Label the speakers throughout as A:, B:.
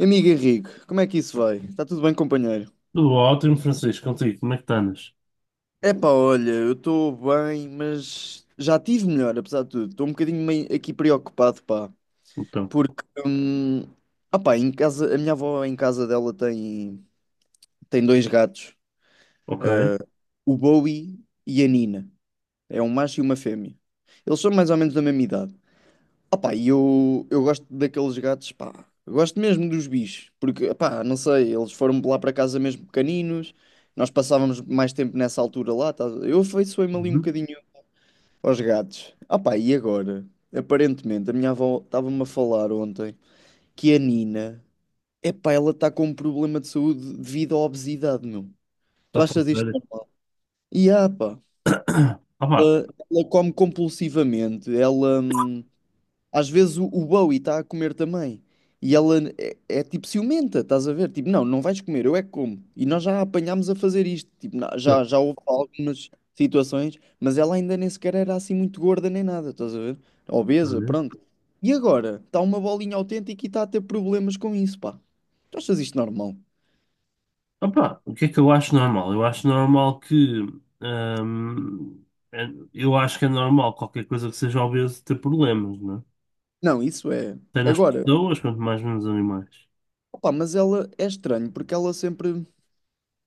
A: Amigo Henrique, como é que isso vai? Está tudo bem, companheiro?
B: Tudo ótimo, Francisco, contigo, como é que estás?
A: Epá, olha, eu estou bem, mas já tive melhor, apesar de tudo. Estou um bocadinho meio aqui preocupado, pá,
B: Então,
A: porque, ah pá, em casa, a minha avó em casa dela tem dois gatos,
B: ok.
A: eh, o Bowie e a Nina. É um macho e uma fêmea. Eles são mais ou menos da mesma idade. Opa, e eu gosto daqueles gatos, pá. Eu gosto mesmo dos bichos, porque, pá, não sei, eles foram lá para casa mesmo pequeninos, nós passávamos mais tempo nessa altura lá, tá? Eu afeiçoei-me ali um
B: Uhum.
A: bocadinho aos gatos. Opa, e agora? Aparentemente, a minha avó estava-me a falar ontem que a Nina, epá, ela está com um problema de saúde devido à obesidade, meu.
B: Está
A: Tu
B: a
A: achas isto?
B: fazer.
A: E, ah, pá,
B: Opá,
A: ela, ela come compulsivamente, ela. Às vezes o Bowie está a comer também. E ela é tipo ciumenta, estás a ver? Tipo, não, não vais comer, eu é que como. E nós já a apanhámos a fazer isto. Tipo, já houve algumas situações, mas ela ainda nem sequer era assim muito gorda nem nada, estás a ver? Obesa, pronto. E agora? Está uma bolinha autêntica e está a ter problemas com isso, pá. Tu achas isto normal?
B: opá, o que é que eu acho normal? Eu acho normal que. hum, é- eu acho que é normal qualquer coisa que seja obeso ter problemas, não é?
A: Não, isso é.
B: Até nas
A: Agora,
B: pessoas, quanto mais nos animais.
A: opá, mas ela é estranho porque ela sempre,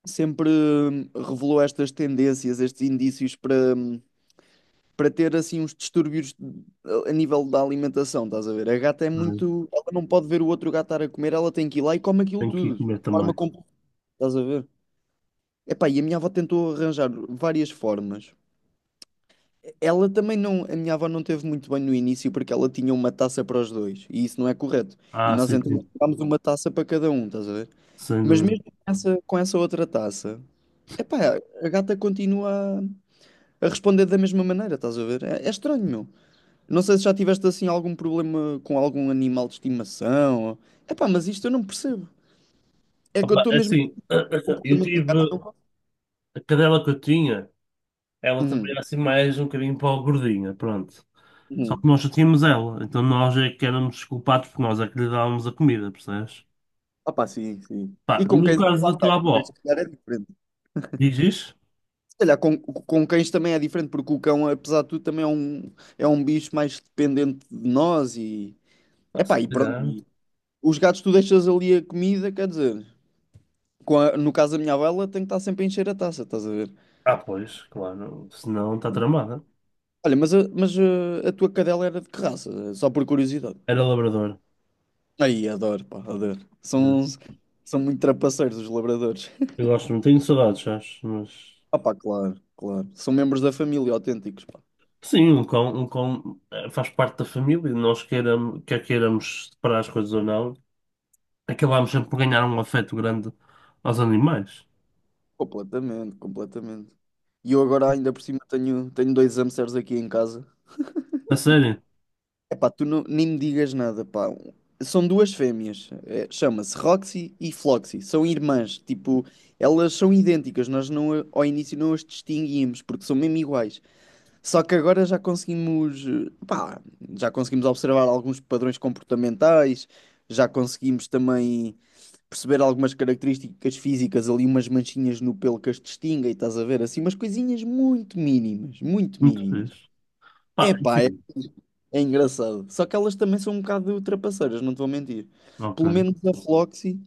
A: sempre revelou estas tendências, estes indícios para ter assim uns distúrbios a nível da alimentação, estás a ver? A gata é
B: Não é?
A: muito. Ela não pode ver o outro gato estar a comer, ela tem que ir lá e come aquilo
B: Tenho que ir
A: tudo, de
B: comer
A: forma
B: também.
A: completa, estás a ver? Epá, e a minha avó tentou arranjar várias formas. Ela também não. A minha avó não teve muito bem no início porque ela tinha uma taça para os dois e isso não é correto. E
B: Ah,
A: nós
B: sim,
A: então
B: sim,
A: dámos uma taça para cada um, estás a ver?
B: sem
A: Mas
B: dúvida.
A: mesmo com essa outra taça, epá, a gata continua a responder da mesma maneira, estás a ver? É estranho, meu. Não sei se já tiveste assim algum problema com algum animal de estimação. Ou... Epá, mas isto eu não percebo. É que eu
B: Opa,
A: estou
B: é
A: mesmo
B: assim,
A: com o
B: eu
A: comportamento de gato.
B: tive.
A: Não...
B: A cadela que eu tinha, ela também
A: Uhum,
B: era assim mais um bocadinho para o gordinha, pronto. Só
A: uhum.
B: que nós já tínhamos ela, então nós é que éramos culpados porque nós é que lhe dávamos a comida, percebes?
A: Ah pá, sim, sim.
B: Pá,
A: E com
B: no
A: cães,
B: caso
A: lá
B: da
A: está,
B: tua
A: com
B: avó,
A: cães se calhar é diferente.
B: diz isso?
A: Se calhar com cães também é diferente, porque o cão, apesar de tudo, também é um bicho mais dependente de nós e...
B: Pá, se
A: Epá, e pronto.
B: calhar.
A: E os gatos tu deixas ali a comida, quer dizer, no caso da minha avó, ela tem que estar sempre a encher a taça, estás a ver?
B: Ah, pois, claro, senão está tramada.
A: Olha, mas a tua cadela era de que raça? Só por curiosidade.
B: Era labrador,
A: Aí, adoro, pá, adoro.
B: né?
A: São muito trapaceiros os labradores.
B: Eu gosto, não tenho saudades, sabes? Mas.
A: Ah, pá, claro, claro. São membros da família autênticos, pá.
B: Sim, um cão, faz parte da família e nós quer queiramos separar as coisas ou não, acabamos sempre por ganhar um afeto grande aos animais.
A: Completamente, completamente. E eu agora, ainda por cima, tenho dois hamsters aqui em casa.
B: A sério?
A: É pá, tu não, nem me digas nada, pá. São duas fêmeas. É, chama-se Roxy e Floxy. São irmãs. Tipo, elas são idênticas. Nós não, ao início não as distinguíamos porque são mesmo iguais. Só que agora já conseguimos observar alguns padrões comportamentais, já conseguimos também perceber algumas características físicas ali, umas manchinhas no pelo que as distinguem, estás a ver? Assim, umas coisinhas muito mínimas, muito
B: Muito
A: mínimas.
B: fixe. Pá, é o
A: Epá, é,
B: seguinte.
A: é engraçado. Só que elas também são um bocado trapaceiras, não te vou mentir. Pelo
B: Ok.
A: menos a Floxy,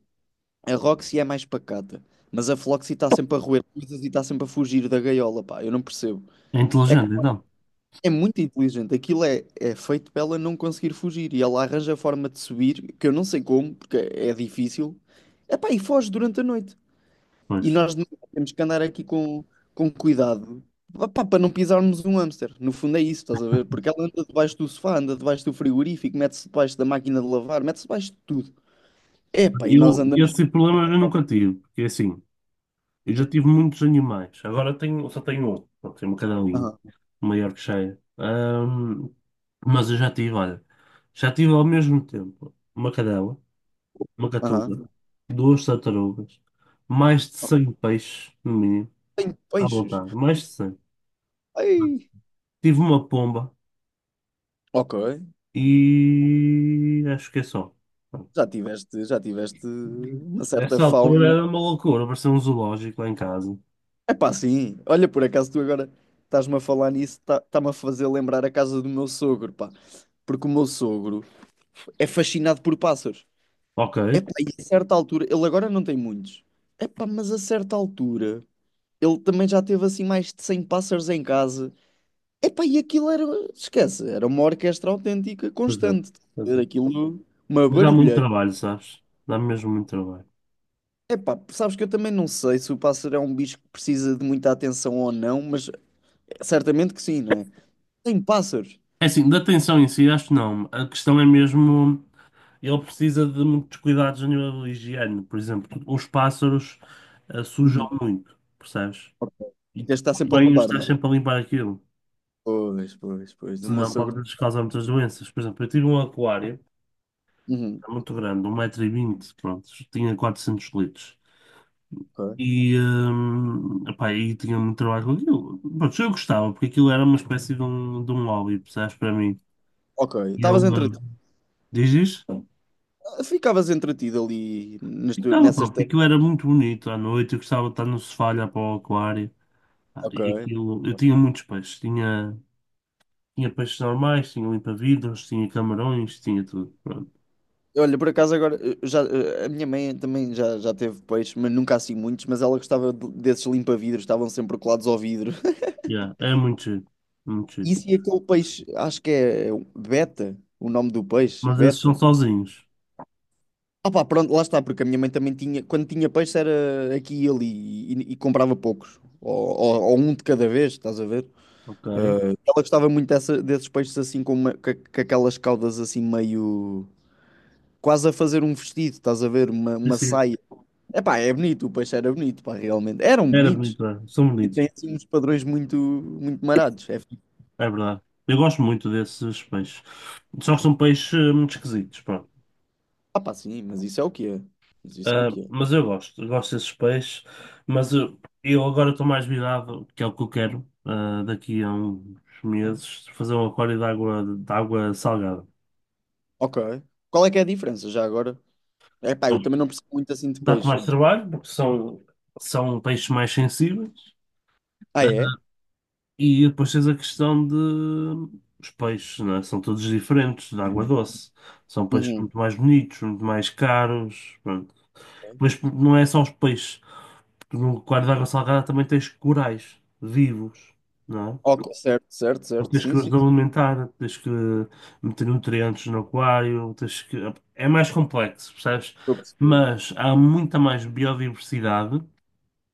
A: a Roxy é mais pacata. Mas a Floxy está sempre a roer coisas e está sempre a fugir da gaiola, pá, eu não percebo.
B: É
A: É
B: inteligente, então.
A: É muito inteligente. Aquilo é feito para ela não conseguir fugir e ela arranja a forma de subir, que eu não sei como, porque é difícil. Epá, e foge durante a noite. E
B: Pois.
A: nós de manhã temos que andar aqui com cuidado. Epá, para não pisarmos um hamster. No fundo é isso, estás a ver? Porque ela anda debaixo do sofá, anda debaixo do frigorífico, mete-se debaixo da máquina de lavar, mete-se debaixo de tudo. Epá, e nós andamos.
B: Esse problema eu nunca tive, porque é assim, eu já tive muitos animais, agora tenho, só tenho outro, pronto, tenho uma cadelinha,
A: Aham,
B: uma Yorkshire. Mas eu já tive, olha, já tive ao mesmo tempo uma cadela, uma
A: aham.
B: catuga, duas tartarugas, mais de 100 peixes, no mínimo,
A: Tem
B: à
A: peixes.
B: vontade, mais de 100.
A: Ai.
B: Tive uma pomba
A: Ok.
B: e acho que é só. Pronto.
A: Já tiveste uma certa
B: Nessa altura
A: fauna.
B: era uma loucura, parecia um zoológico lá em casa.
A: É pá, sim. Olha, por acaso tu agora estás-me a falar nisso, está-me a fazer lembrar a casa do meu sogro, pá. Porque o meu sogro é fascinado por pássaros.
B: Ok,
A: É pá, e a certa altura, ele agora não tem muitos. É pá, mas a certa altura, ele também já teve assim mais de 100 pássaros em casa. É pá, e aquilo era, esquece, era uma orquestra autêntica,
B: pois é,
A: constante.
B: pois
A: Era
B: é.
A: aquilo, uma
B: Mas há muito
A: barulheira.
B: trabalho, sabes? Dá mesmo muito trabalho.
A: É pá, sabes que eu também não sei se o pássaro é um bicho que precisa de muita atenção ou não, mas certamente que sim, não é? Tem pássaros.
B: É assim, da atenção em si, acho que não. A questão é mesmo, ele precisa de muitos cuidados a nível de higiene. Por exemplo, os pássaros sujam muito, percebes?
A: Ok. E
B: E
A: tens de
B: tu
A: estar sempre a
B: bem
A: limpar, não,
B: estás
A: é?
B: sempre a limpar aquilo.
A: Pois, pois, pois. O meu
B: Senão
A: sogro.
B: pode-lhes causar muitas doenças. Por exemplo, eu tive um aquário,
A: Uhum.
B: era muito grande, 1,20 m pronto, tinha 400 litros.
A: Ok,
B: Epá, e tinha muito trabalho com aquilo. Pronto, eu gostava, porque aquilo era uma espécie de um, hobby, percebes, para mim.
A: ok.
B: E eu,
A: Estavas entretido.
B: diz isto?
A: Ficavas entretido ali nas
B: Ficava, pá,
A: nessas.
B: porque aquilo era muito bonito à noite, eu gostava de estar no sofá, a olhar para o aquário. Pá,
A: Ok.
B: e aquilo, eu tinha muitos peixes, tinha peixes normais, tinha limpa-vidros, tinha camarões, tinha tudo. Pronto,
A: Olha, por acaso agora, a minha mãe também já teve peixe, mas nunca assim muitos, mas ela gostava desses limpa-vidros, estavam sempre colados ao vidro.
B: yeah, era muito giro, muito giro.
A: Isso e aquele peixe, acho que é beta, o nome do peixe,
B: Mas esses são
A: beta.
B: sozinhos,
A: Ah pá, pronto, lá está, porque a minha mãe também tinha, quando tinha peixe era aqui e ali, e comprava poucos, ou um de cada vez, estás a ver?
B: ok?
A: Ela gostava muito desses peixes assim com aquelas caudas assim meio quase a fazer um vestido, estás a ver? Uma,
B: Sim,
A: uma
B: sim,
A: saia. Epá, é bonito, o peixe era bonito, pá, realmente. Eram
B: era
A: bonitos.
B: bonito, era. São
A: E tem
B: bonitos.
A: assim uns padrões muito, muito marados. É, fixe.
B: É verdade. Eu gosto muito desses peixes. Só que são peixes muito esquisitos, pronto.
A: Ah, pá, sim, mas isso é o que é. Mas isso é o
B: Ah,
A: que é.
B: mas eu gosto desses peixes. Mas eu agora estou mais virado, que é o que eu quero, daqui a uns meses, fazer um aquário de água salgada.
A: Ok. Qual é que é a diferença já agora? É pá, eu também
B: Bom,
A: não percebo muito assim de
B: dá-te
A: peixe.
B: mais
A: Então.
B: trabalho, porque são peixes mais sensíveis.
A: Ah,
B: Ah,
A: é?
B: e depois tens a questão de. Os peixes, não é? São todos diferentes, da água doce. São peixes
A: Uhum.
B: muito mais bonitos, muito mais caros. Mas não é só os peixes. Tu no aquário de água salgada também tens corais vivos, não é?
A: Ok, certo, certo,
B: Então
A: certo.
B: tens que
A: Sim,
B: os
A: sim, sim.
B: alimentar, tens que meter nutrientes no aquário, tens que... É mais complexo, percebes?
A: Eu percebi.
B: Mas há muita mais biodiversidade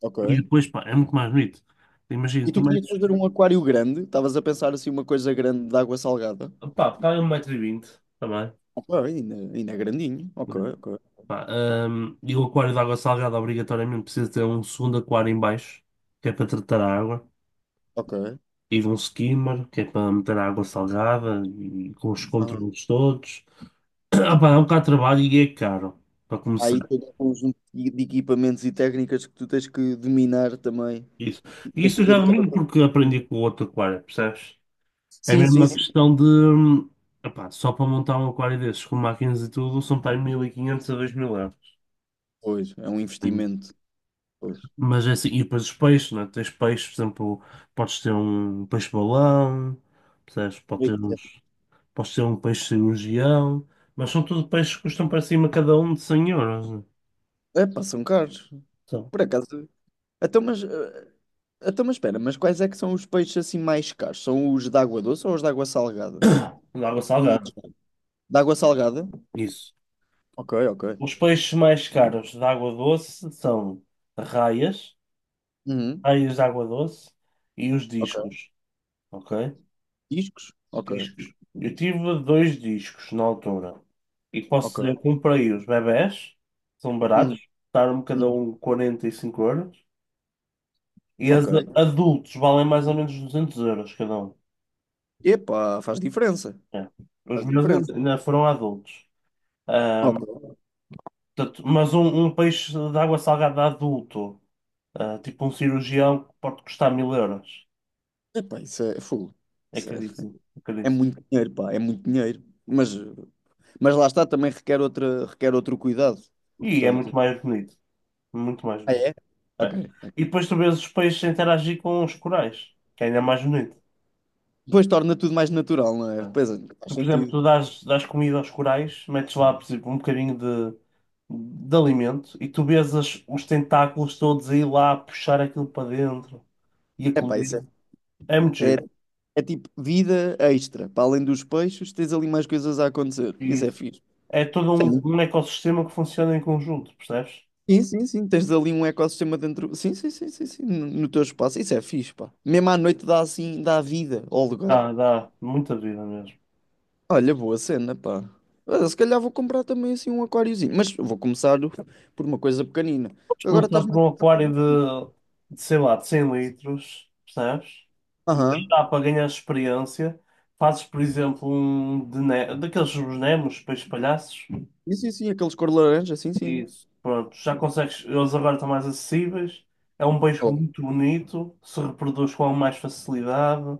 A: Ok.
B: e depois, pá, é muito mais bonito. Imagina,
A: E
B: tu
A: tu querias
B: metes...
A: fazer um aquário grande? Estavas a pensar assim uma coisa grande de água salgada?
B: Pá, está aí 1,20 m também.
A: Ok, ainda é grandinho. Ok,
B: Né?
A: ok,
B: Pá, e o aquário de água salgada obrigatoriamente precisa ter um segundo aquário em baixo, que é para tratar a água.
A: ok.
B: E um skimmer, que é para meter água salgada e com os
A: Aham.
B: controles todos. Ah, pá, é um bocado de trabalho e é caro, para começar.
A: Aí tem um conjunto de equipamentos e técnicas que tu tens que dominar também.
B: Isso,
A: E
B: e
A: tens
B: isso
A: que
B: eu já
A: ter cada
B: domino
A: coisa.
B: porque aprendi com o outro aquário, percebes? É
A: Sim,
B: mesmo
A: sim,
B: uma
A: sim.
B: questão de. Epá, só para montar um aquário desses com máquinas e tudo são para aí 1500 a 2000 euros.
A: Pois, é um investimento. Pois.
B: Mas é assim, e depois os peixes, não é? Tens peixes, por exemplo, podes ter um peixe-balão, percebes? Pode ter uns. Posso ser um peixe cirurgião, mas são tudo peixes que custam para cima cada um de 100 euros. Né?
A: É, pá, são caros.
B: São
A: Por acaso. Então, mas. eh, Então, mas espera, mas quais é que são os peixes assim mais caros? São os de água doce ou os de água salgada?
B: de água
A: Não.
B: salgada.
A: De água salgada?
B: Isso.
A: Ok, ok.
B: Os peixes mais caros de água doce são raias,
A: Uhum.
B: raias de água doce e os
A: Ok.
B: discos, ok?
A: Discos? Ok.
B: Discos. Eu tive dois discos na altura e posso dizer que
A: Ok.
B: comprei os bebés, são
A: Hum,
B: baratos, custaram-me cada
A: hum.
B: um 45 euros e as
A: Ok.
B: adultos valem mais ou menos 200 euros cada um.
A: Epá, faz diferença.
B: É. Os
A: Faz
B: meus
A: diferença.
B: ainda foram adultos.
A: Ok.
B: Ahm, portanto, mas um peixe de água salgada adulto, tipo um cirurgião, pode custar 1000 euros.
A: Epá, isso é full.
B: É
A: Isso é,
B: caríssimo, é
A: é
B: caríssimo.
A: muito dinheiro, pá, é muito dinheiro. Mas lá está, também requer outra, requer outro cuidado.
B: E é
A: Portanto.
B: muito mais bonito. Muito mais
A: Ah,
B: bonito.
A: é? Ok.
B: É. E depois tu vês os peixes a interagir com os corais, que é ainda mais bonito.
A: Depois torna tudo mais natural, não
B: É.
A: é? Pois é, faz
B: Tu, por exemplo,
A: sentido.
B: tu dás comida aos corais, metes lá, por exemplo, um bocadinho de alimento e tu vês os tentáculos todos aí lá a puxar aquilo para dentro e a
A: Epá,
B: comer.
A: isso é,
B: MG.
A: é tipo vida extra. Para além dos peixes, tens ali mais coisas a acontecer. Isso é
B: Isso.
A: fixe.
B: É todo
A: Sim.
B: um ecossistema que funciona em conjunto, percebes?
A: Sim, sim, sim. Tens ali um ecossistema dentro. Sim, sim, sim, sim, sim. No teu espaço. Isso é fixe, pá. Mesmo à noite dá assim, dá vida ao lugar.
B: Dá muita vida mesmo.
A: Olha, boa cena, pá. Olha, se calhar vou comprar também assim um aquáriozinho. Mas vou começar por uma coisa pequenina.
B: Mas
A: Agora
B: começar
A: estás-me
B: por
A: a
B: um
A: tocar com o
B: aquário
A: gatinho.
B: sei lá, de 100 litros, percebes? E
A: Aham.
B: dá para ganhar experiência. Fazes, por exemplo, um de daqueles os Nemos, peixes palhaços.
A: Sim, sim, sim. Aqueles cor laranja, sim, sim.
B: Isso. Pronto, já consegues. Eles agora estão mais acessíveis. É um peixe
A: Oh,
B: muito bonito, se reproduz com mais facilidade.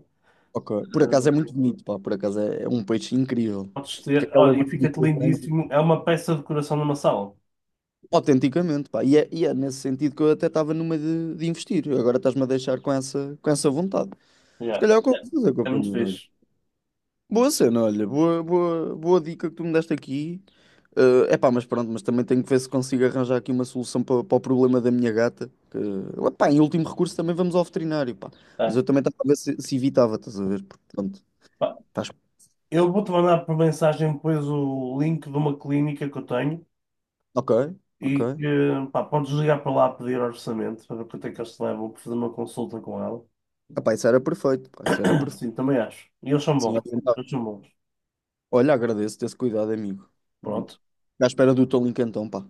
A: ok. Por acaso é muito bonito, pá. Por acaso é um peixe incrível.
B: Podes
A: Que
B: ter.
A: aquelas
B: Olha, e fica-te
A: bichas brancas.
B: lindíssimo. É uma peça de decoração numa sala.
A: Autenticamente, pá. E é nesse sentido que eu até estava numa de investir. Agora estás-me a deixar com essa vontade. Se
B: Yeah.
A: calhar é
B: É
A: confusa,
B: é muito
A: companheiro. Olha.
B: fixe.
A: Boa cena, olha. Boa, boa, boa dica que tu me deste aqui. É epá, mas pronto, mas também tenho que ver se consigo arranjar aqui uma solução para o problema da minha gata. Que, epá, em último recurso também vamos ao veterinário, pá. Mas
B: É.
A: eu também estava a ver se evitava, estás a ver? Porque, pronto,
B: Pá,
A: estás...
B: eu vou-te mandar por mensagem depois o link de uma clínica que eu tenho
A: Ok, ok.
B: e que pá, podes ligar para lá a pedir orçamento para ver quanto é que eles te levam para fazer uma consulta com ela.
A: Epá, isso era perfeito, pá, isso era perfeito.
B: Sim, também acho. E eles são
A: Sim,
B: bons. Eles
A: orientavas.
B: são bons.
A: Olha, agradeço-te esse cuidado, amigo.
B: Pronto.
A: À espera do teu link então, pá.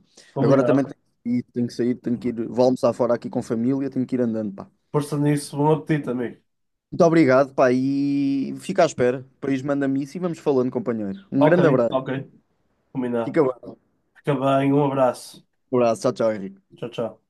A: Agora também
B: Combinado.
A: tenho que ir, tenho que sair, tenho que ir. Vou almoçar fora aqui com a família, tenho que ir andando, pá.
B: Força nisso. Bom apetite, amigo.
A: Muito obrigado, pá, e fica à espera. Depois manda-me isso e vamos falando, companheiro. Um
B: Ok,
A: grande abraço.
B: ok. Combinado.
A: Fica bem.
B: Fica bem. Um abraço.
A: Um abraço. Tchau, tchau, Henrique.
B: Tchau, tchau.